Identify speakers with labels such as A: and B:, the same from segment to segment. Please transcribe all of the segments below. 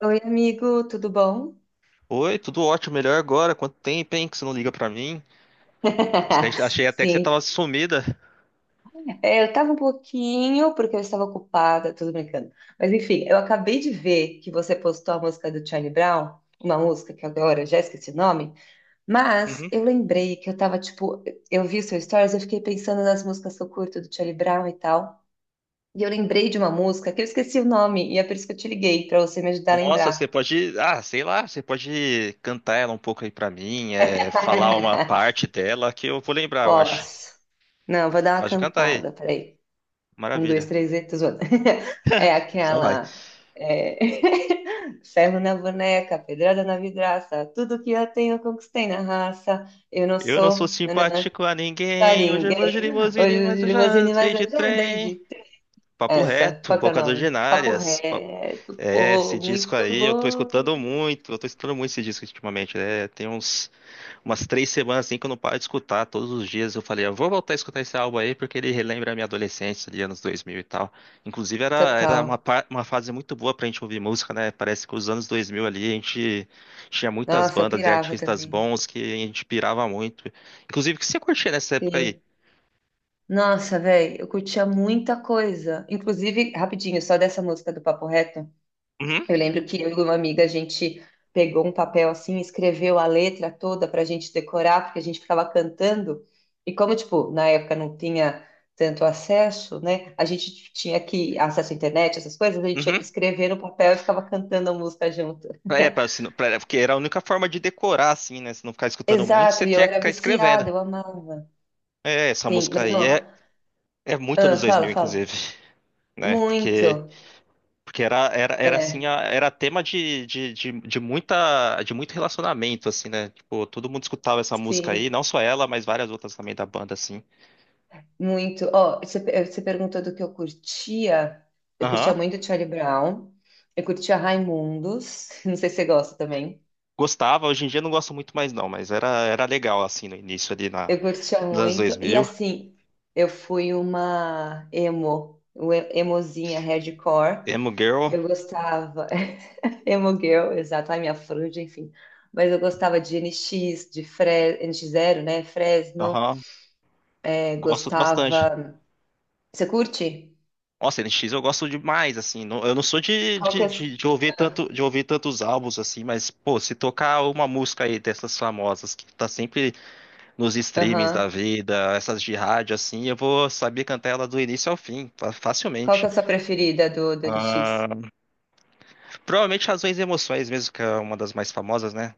A: Oi, amigo, tudo bom?
B: Oi, tudo ótimo, melhor agora. Quanto tempo, hein, que você não liga pra mim? Achei achei até que você
A: Sim,
B: tava sumida.
A: é, eu tava um pouquinho porque eu estava ocupada, tudo brincando. Mas enfim, eu acabei de ver que você postou a música do Charlie Brown, uma música que agora eu já esqueci o nome, mas
B: Uhum.
A: eu lembrei que eu tava tipo, eu vi seu stories, eu fiquei pensando nas músicas que eu curto do Charlie Brown e tal. E eu lembrei de uma música que eu esqueci o nome, e é por isso que eu te liguei, pra você me ajudar a
B: Nossa, você
A: lembrar.
B: pode, ah, sei lá, você pode cantar ela um pouco aí pra mim, é, falar uma parte dela que eu vou lembrar, eu acho.
A: Posso? Não, vou dar uma
B: Pode cantar aí.
A: cantada, peraí. Um, dois,
B: Maravilha.
A: três, e tô zoando. É
B: Só vai.
A: aquela é, ferro na boneca, pedrada na vidraça, tudo que eu tenho eu conquistei na raça. Eu não
B: Eu não sou
A: sou nanã,
B: simpático a
A: pra
B: ninguém, hoje eu vou de
A: ninguém.
B: limusine, mas
A: Hoje
B: eu já
A: limusine, mas
B: entrei de
A: eu já andei
B: trem.
A: de trem.
B: Papo
A: Essa,
B: reto,
A: qual que é o
B: bocas
A: nome? Papo
B: ordinárias.
A: reto,
B: É, esse
A: pô,
B: disco
A: muito
B: aí eu tô
A: bom.
B: escutando muito, eu tô escutando muito esse disco ultimamente, né? Tem umas 3 semanas assim que eu não paro de escutar todos os dias. Eu falei, eu vou voltar a escutar esse álbum aí porque ele relembra a minha adolescência de anos 2000 e tal. Inclusive era
A: Total.
B: uma fase muito boa pra gente ouvir música, né? Parece que os anos 2000 ali a gente tinha muitas
A: Nossa, eu
B: bandas de
A: pirava
B: artistas
A: também.
B: bons que a gente pirava muito. Inclusive, o que você curtia nessa época aí?
A: Sim. Nossa, velho, eu curtia muita coisa. Inclusive, rapidinho, só dessa música do Papo Reto.
B: Uhum,
A: Eu lembro que eu e uma amiga, a gente pegou um papel assim, escreveu a letra toda para a gente decorar, porque a gente ficava cantando. E como, tipo, na época não tinha tanto acesso, né? A gente tinha que, acesso à internet, essas coisas, a gente tinha que
B: uhum.
A: escrever no papel e ficava cantando a música junto.
B: É, pra, se pra- porque era a única forma de decorar, assim, né? Se não ficar escutando muito,
A: Exato,
B: você
A: e eu
B: tinha que
A: era
B: ficar escrevendo.
A: viciada, eu amava.
B: É, essa
A: Sim,
B: música
A: mas
B: aí
A: ó,
B: é muito
A: ah,
B: nos dois
A: fala,
B: mil
A: fala.
B: inclusive, né? Porque,
A: Muito.
B: porque era assim,
A: É,
B: era tema de muito relacionamento, assim, né? Tipo, todo mundo escutava essa música
A: sim.
B: aí, não só ela, mas várias outras também da banda, assim.
A: Muito. Ó, você, você perguntou do que eu curtia. Eu
B: Aham.
A: curtia muito Charlie Brown. Eu curtia Raimundos. Não sei se você gosta também.
B: Gostava, hoje em dia não gosto muito mais não, mas era legal, assim, no início ali
A: Eu curtia
B: nos anos dois
A: muito. E
B: mil.
A: assim, eu fui uma emo, uma emozinha hardcore.
B: Emo Girl,
A: Eu gostava. Emo girl, exato. A minha franja, enfim. Mas eu gostava de N X Zero, né? Fresno.
B: aham,
A: É,
B: gosto bastante.
A: gostava. Você curte?
B: Nossa, NX eu gosto demais, assim. Eu não sou
A: Qual que é. A ah,
B: de ouvir tantos álbuns assim, mas, pô, se tocar uma música aí dessas famosas que tá sempre nos streamings da
A: aham.
B: vida, essas de rádio, assim, eu vou saber cantar ela do início ao fim, fa-
A: Qual que
B: facilmente.
A: é a sua preferida do, do Orixis?
B: Ah, provavelmente Razões e Emoções mesmo, que é uma das mais famosas, né?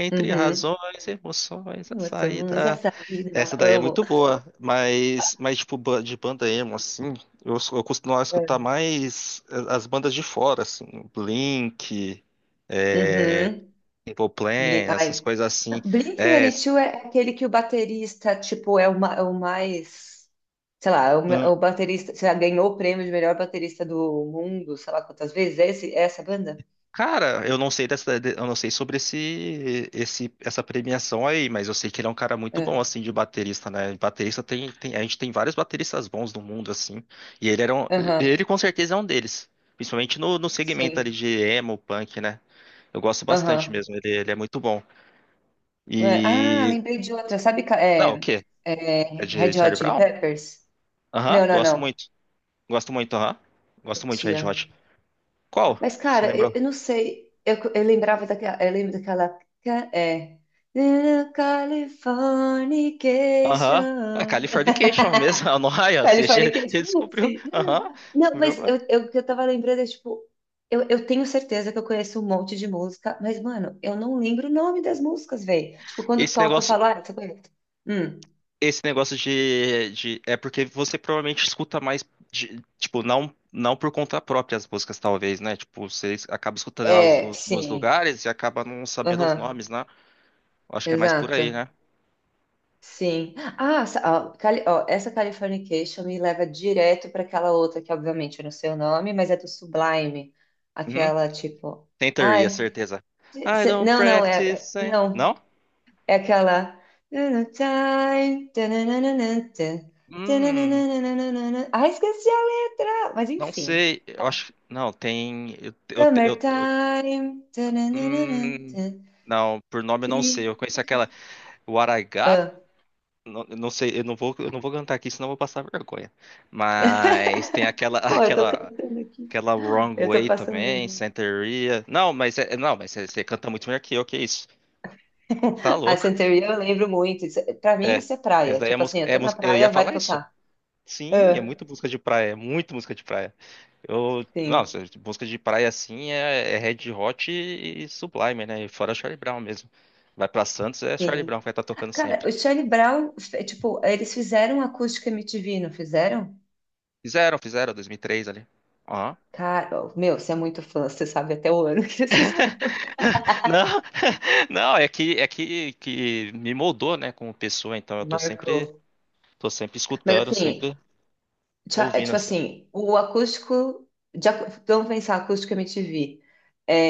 B: Entre
A: Uhum.
B: razões, emoções, a
A: Emoções, a
B: saída.
A: saída,
B: Essa daí é
A: amo.
B: muito boa, mas tipo, de banda emo, assim, eu costumo escutar
A: É.
B: mais as bandas de fora, assim, Blink, é,
A: Uhum.
B: Simple Plan,
A: Blink,
B: essas
A: ai.
B: coisas assim. É,
A: Blink-182
B: s-
A: é aquele que o baterista, tipo, é o, é o mais... Sei lá, é o, é o baterista... Sei lá, ganhou o prêmio de melhor baterista do mundo, sei lá quantas vezes. É, esse, é essa banda?
B: Cara, eu não sei dessa, eu não sei sobre essa premiação aí, mas eu sei que ele é um cara muito bom
A: É.
B: assim de baterista, né? Baterista a gente tem vários bateristas bons no mundo assim, e ele era um, ele
A: Aham.
B: com certeza é um deles, principalmente no segmento ali
A: Sim.
B: de emo, punk, né? Eu gosto bastante
A: Aham.
B: mesmo, ele é muito bom.
A: Ué, ah,
B: E
A: lembrei de outra. Sabe...
B: não, o
A: é,
B: quê?
A: é,
B: É de
A: Red Hot
B: Charlie
A: Chili
B: Brown?
A: Peppers?
B: Aham,
A: Não, não, não.
B: gosto muito, aham, gosto muito de
A: Tia.
B: Red Hot. Qual?
A: Mas,
B: Você
A: cara,
B: lembrou?
A: eu não sei. Eu lembrava daquela. Eu lembro daquela. É. Little
B: Aham. A
A: Californication.
B: Californication mesmo, a Noia, você já,
A: Californication,
B: descobriu.
A: sim.
B: Aham,
A: Não,
B: descobriu
A: mas
B: agora.
A: eu, o que eu tava lembrando é tipo. Eu tenho certeza que eu conheço um monte de música, mas, mano, eu não lembro o nome das músicas, velho. Tipo, quando
B: Esse
A: toca, eu
B: negócio,
A: falo, ah, você conhece. Hum,
B: esse negócio de, de. É porque você provavelmente escuta mais. Tipo, não, não por conta própria as músicas, talvez, né? Tipo, você acaba escutando elas
A: é,
B: nos
A: sim.
B: lugares e acaba não sabendo os
A: Aham,
B: nomes, né? Eu acho que é mais por aí, né?
A: exato. Sim. Ah, ó, essa Californication me leva direto para aquela outra que, obviamente, eu não sei o nome, mas é do Sublime.
B: Uhum.
A: Aquela tipo.
B: Tem teoria,
A: Ai.
B: certeza. I don't
A: Não, não, é.
B: practice. Eh. Não?
A: Não. É aquela. Time tananana, tan,
B: Hum,
A: tananana. Ai, esqueci a letra! Mas
B: não
A: enfim.
B: sei. Eu acho. Não, tem. Eu, eu, eu,
A: Summertime. Tananana,
B: Hum,
A: tan.
B: não, por nome eu não sei.
A: Be-
B: Eu conheço aquela o Aragá,
A: Ah.
B: não, eu não sei, eu não vou cantar aqui, senão eu vou passar vergonha. Mas tem aquela
A: Pô, eu tô
B: aquela
A: cantando aqui.
B: aquela Wrong
A: Eu tô
B: Way
A: passando
B: também,
A: vergonha.
B: Santeria. Não, mas é, não, mas você canta muito melhor que eu, que isso? Tá
A: A
B: louco.
A: Santeria eu lembro muito. É, pra mim,
B: É.
A: isso é
B: Essa
A: praia.
B: daí
A: Tipo assim, eu
B: é
A: tô na
B: música, eu ia
A: praia, vai
B: falar isso.
A: tocar.
B: Sim, é
A: Ah,
B: muito música de praia, é muito música de praia.
A: sim,
B: Nossa, música de praia assim é Red Hot e Sublime, né? E fora Charlie Brown mesmo. Vai pra Santos, é Charlie
A: sim.
B: Brown que vai estar tocando
A: Cara,
B: sempre.
A: o Charlie Brown, tipo, eles fizeram acústica MTV, não fizeram?
B: Fizeram, 2003 ali. Ó.
A: Cara, meu, você é muito fã, você sabe até o ano que eles fizeram.
B: Não, não, que me moldou, né, como pessoa, então eu tô sempre
A: Marcou.
B: tô sempre
A: Mas
B: escutando,
A: assim,
B: sempre
A: é,
B: ouvindo
A: tipo
B: assim.
A: assim, o acústico. Vamos pensar, acústica MTV.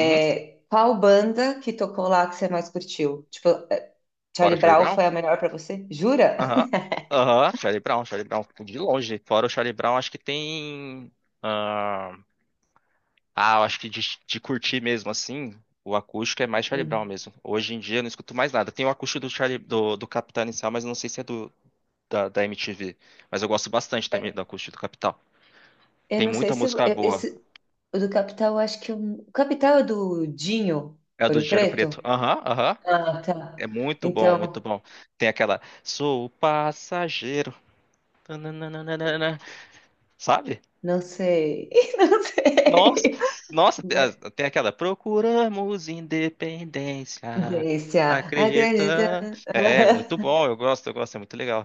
B: Uhum.
A: qual banda que tocou lá que você mais curtiu? Tipo, é,
B: Fora
A: Charlie
B: Charlie
A: Brown
B: Brown?
A: foi a melhor pra você? Jura?
B: Aham. Aham, Charlie Brown, Charlie Brown, de longe. Fora o Charlie Brown, acho que tem. Ah, eu acho que de curtir mesmo assim, o acústico é mais Charlie Brown
A: Hum.
B: mesmo. Hoje em dia eu não escuto mais nada. Tem o acústico do Charlie, do Capital Inicial, mas eu não sei se é da MTV. Mas eu gosto bastante também do acústico do Capital.
A: Eu
B: Tem
A: não sei
B: muita
A: se
B: música
A: eh,
B: boa.
A: esse o do Capital, eu acho que eu- o Capital é do Dinho,
B: É a do
A: Ouro
B: Dinheiro
A: Preto?
B: Preto. Aham, aham.
A: Ah,
B: É
A: tá.
B: muito bom, muito
A: Então,
B: bom. Tem aquela. Sou o passageiro. Tananana, sabe?
A: não sei. Não
B: Nossa,
A: sei.
B: nossa, tem
A: Mas-
B: tem aquela Procuramos Independência,
A: desse, ah,
B: acredita. É, muito bom, eu gosto, é muito legal.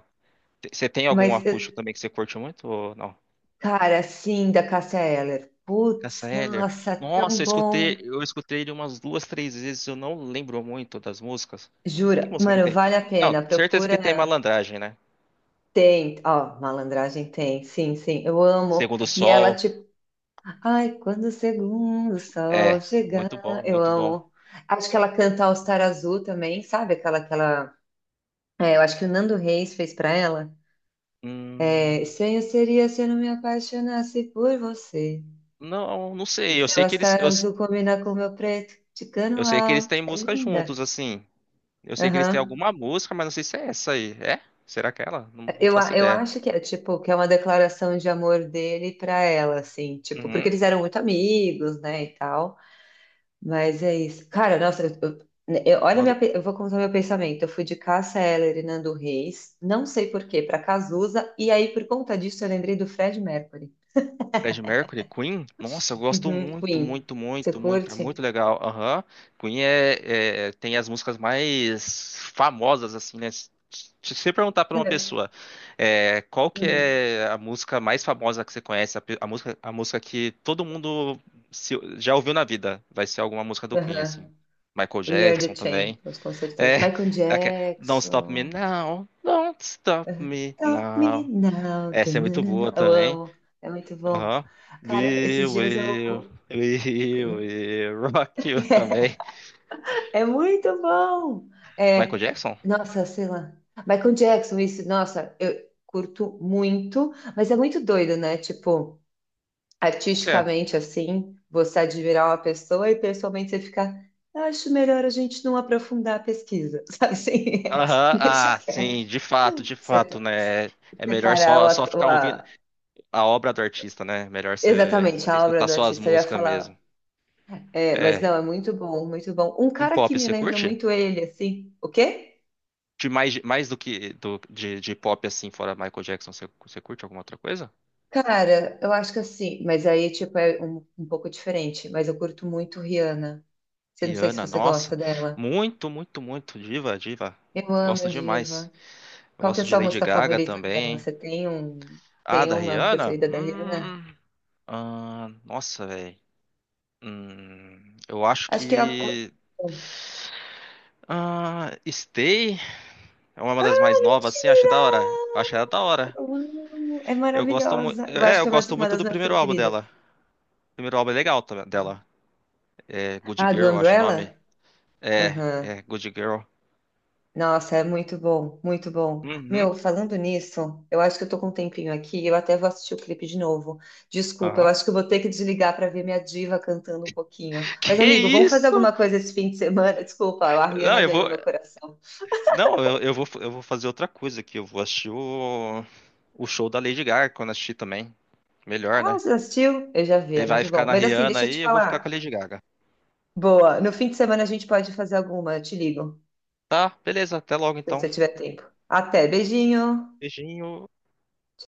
B: Você tem algum
A: mas,
B: acústico também que você curte muito ou não?
A: cara, sim, da Cássia Eller.
B: Cássia
A: Putz,
B: Eller.
A: nossa,
B: Nossa,
A: tão
B: eu escutei,
A: bom.
B: eu escutei ele umas duas, três vezes, eu não lembro muito das músicas. Que
A: Jura,
B: música que
A: mano,
B: tem?
A: vale a
B: Não,
A: pena.
B: certeza que tem
A: Procura.
B: Malandragem, né?
A: Tem, ó, malandragem tem, sim, sim, eu amo.
B: Segundo o
A: E ela,
B: Sol,
A: tipo, ai, quando o segundo sol
B: é,
A: chegar,
B: muito bom,
A: eu
B: muito bom.
A: amo. Acho que ela canta All Star Azul também, sabe? Aquela, aquela. É, eu acho que o Nando Reis fez pra ela. É,
B: Hum,
A: estranho seria se eu não me apaixonasse por você.
B: não, não
A: O
B: sei, eu
A: seu
B: sei
A: All
B: que eles,
A: Star
B: eu,
A: Azul combina com o meu preto, de
B: eu sei que eles têm
A: alto. É
B: música
A: linda.
B: juntos, assim. Eu sei que eles têm
A: Aham.
B: alguma música, mas não sei se é essa aí. É? Será que é ela? Não, não faço
A: Eu
B: ideia.
A: acho que é tipo que é uma declaração de amor dele pra ela, assim, tipo, porque
B: Uhum.
A: eles eram muito amigos, né, e tal. Mas é isso. Cara, nossa, eu- né, eu- olha,
B: No do
A: minha, eu vou contar meu pensamento. Eu fui de Cássia Eller e Nando Reis, não sei por quê, pra Cazuza, e aí por conta disso eu lembrei do Fred Mercury.
B: Fred Mercury, Queen? Nossa, eu gosto
A: Uhum,
B: muito,
A: Queen.
B: muito,
A: Você
B: muito, muito. É muito
A: curte?
B: legal. Aham. Queen tem as músicas mais famosas, assim, né? Se você perguntar pra uma
A: É.
B: pessoa, qual que
A: Uhum.
B: é a música mais famosa que você conhece, a música que todo mundo já ouviu na vida, vai ser alguma música do Queen, assim.
A: Uhum.
B: Michael
A: We Are
B: Jackson
A: the
B: também.
A: Champions, com
B: É,
A: certeza. Michael
B: Don't Stop Me
A: Jackson.
B: Now, Don't Stop
A: Uhum.
B: Me
A: Stop Me
B: Now.
A: Now.
B: Essa é muito boa
A: Tananana. Eu
B: também.
A: amo, é muito bom.
B: Aham.
A: Cara,
B: We
A: esses dias
B: will,
A: eu.
B: we will rock you também.
A: É muito bom.
B: Michael
A: É,
B: Jackson?
A: nossa, sei lá. Michael Jackson, isso, nossa, eu curto muito, mas é muito doido, né? Tipo,
B: O que é?
A: artisticamente assim, você admirar uma pessoa e pessoalmente você ficar, "Eu acho melhor a gente não aprofundar a pesquisa, sabe assim?
B: Aham,
A: Deixa
B: sim,
A: quieto.
B: de fato,
A: Sepa-
B: né? É melhor
A: Separar o,
B: só ficar ouvindo a obra do artista, né? Melhor você
A: exatamente
B: você
A: a obra
B: escutar
A: do
B: só as
A: artista, eu ia
B: músicas
A: falar.
B: mesmo.
A: É, mas
B: É,
A: não, é muito bom, muito bom. Um
B: um
A: cara que
B: pop
A: me
B: você
A: lembra
B: curte?
A: muito ele, assim, o quê?
B: De mais do que de pop assim, fora Michael Jackson, você curte alguma outra coisa?
A: Cara, eu acho que assim, mas aí, tipo, é um, um pouco diferente. Mas eu curto muito Rihanna. Você não sei se
B: Rihanna,
A: você
B: nossa,
A: gosta dela.
B: muito, muito, muito, diva, diva.
A: Eu amo a
B: Gosto demais.
A: diva.
B: Eu
A: Qual que é a
B: gosto de
A: sua
B: Lady
A: música
B: Gaga
A: favorita dela?
B: também.
A: Você tem um,
B: Ah,
A: tem
B: da
A: uma
B: Rihanna?
A: preferida da Rihanna?
B: Ah, nossa, velho. Eu acho
A: Acho que é.
B: que
A: A-
B: Stay é uma das mais novas, assim, acho
A: Mentira!
B: da hora. Acho ela da hora.
A: Eu amo. É
B: Eu gosto muito,
A: maravilhosa. Eu acho
B: eu
A: que é
B: gosto
A: uma
B: muito
A: das
B: do
A: minhas
B: primeiro álbum
A: preferidas.
B: dela. O primeiro álbum é legal também dela. É Good
A: Ah,
B: Girl,
A: do
B: eu acho o nome.
A: Umbrella?
B: É,
A: Aham.
B: é Good Girl.
A: Nossa, é muito bom, muito bom.
B: Uhum.
A: Meu, falando nisso, eu acho que eu tô com um tempinho aqui, e eu até vou assistir o clipe de novo. Desculpa, eu
B: Aham.
A: acho que eu vou ter que desligar para ver minha diva cantando um pouquinho. Mas,
B: Que
A: amigo, vamos fazer
B: isso?
A: alguma coisa esse fim de semana? Desculpa, a
B: Não,
A: Rihanna
B: eu vou.
A: ganhou meu coração.
B: Não, eu vou fazer outra coisa aqui. Eu vou assistir o show da Lady Gaga quando assistir também. Melhor,
A: Ah,
B: né?
A: você assistiu? Eu já vi,
B: Ele
A: é
B: vai
A: muito
B: ficar
A: bom.
B: na
A: Mas assim,
B: Rihanna
A: deixa eu
B: aí,
A: te
B: eu vou ficar com a
A: falar.
B: Lady Gaga.
A: Boa, no fim de semana a gente pode fazer alguma, eu te ligo,
B: Tá, beleza, até logo
A: se
B: então.
A: você tiver tempo. Até, beijinho.
B: Beijinho.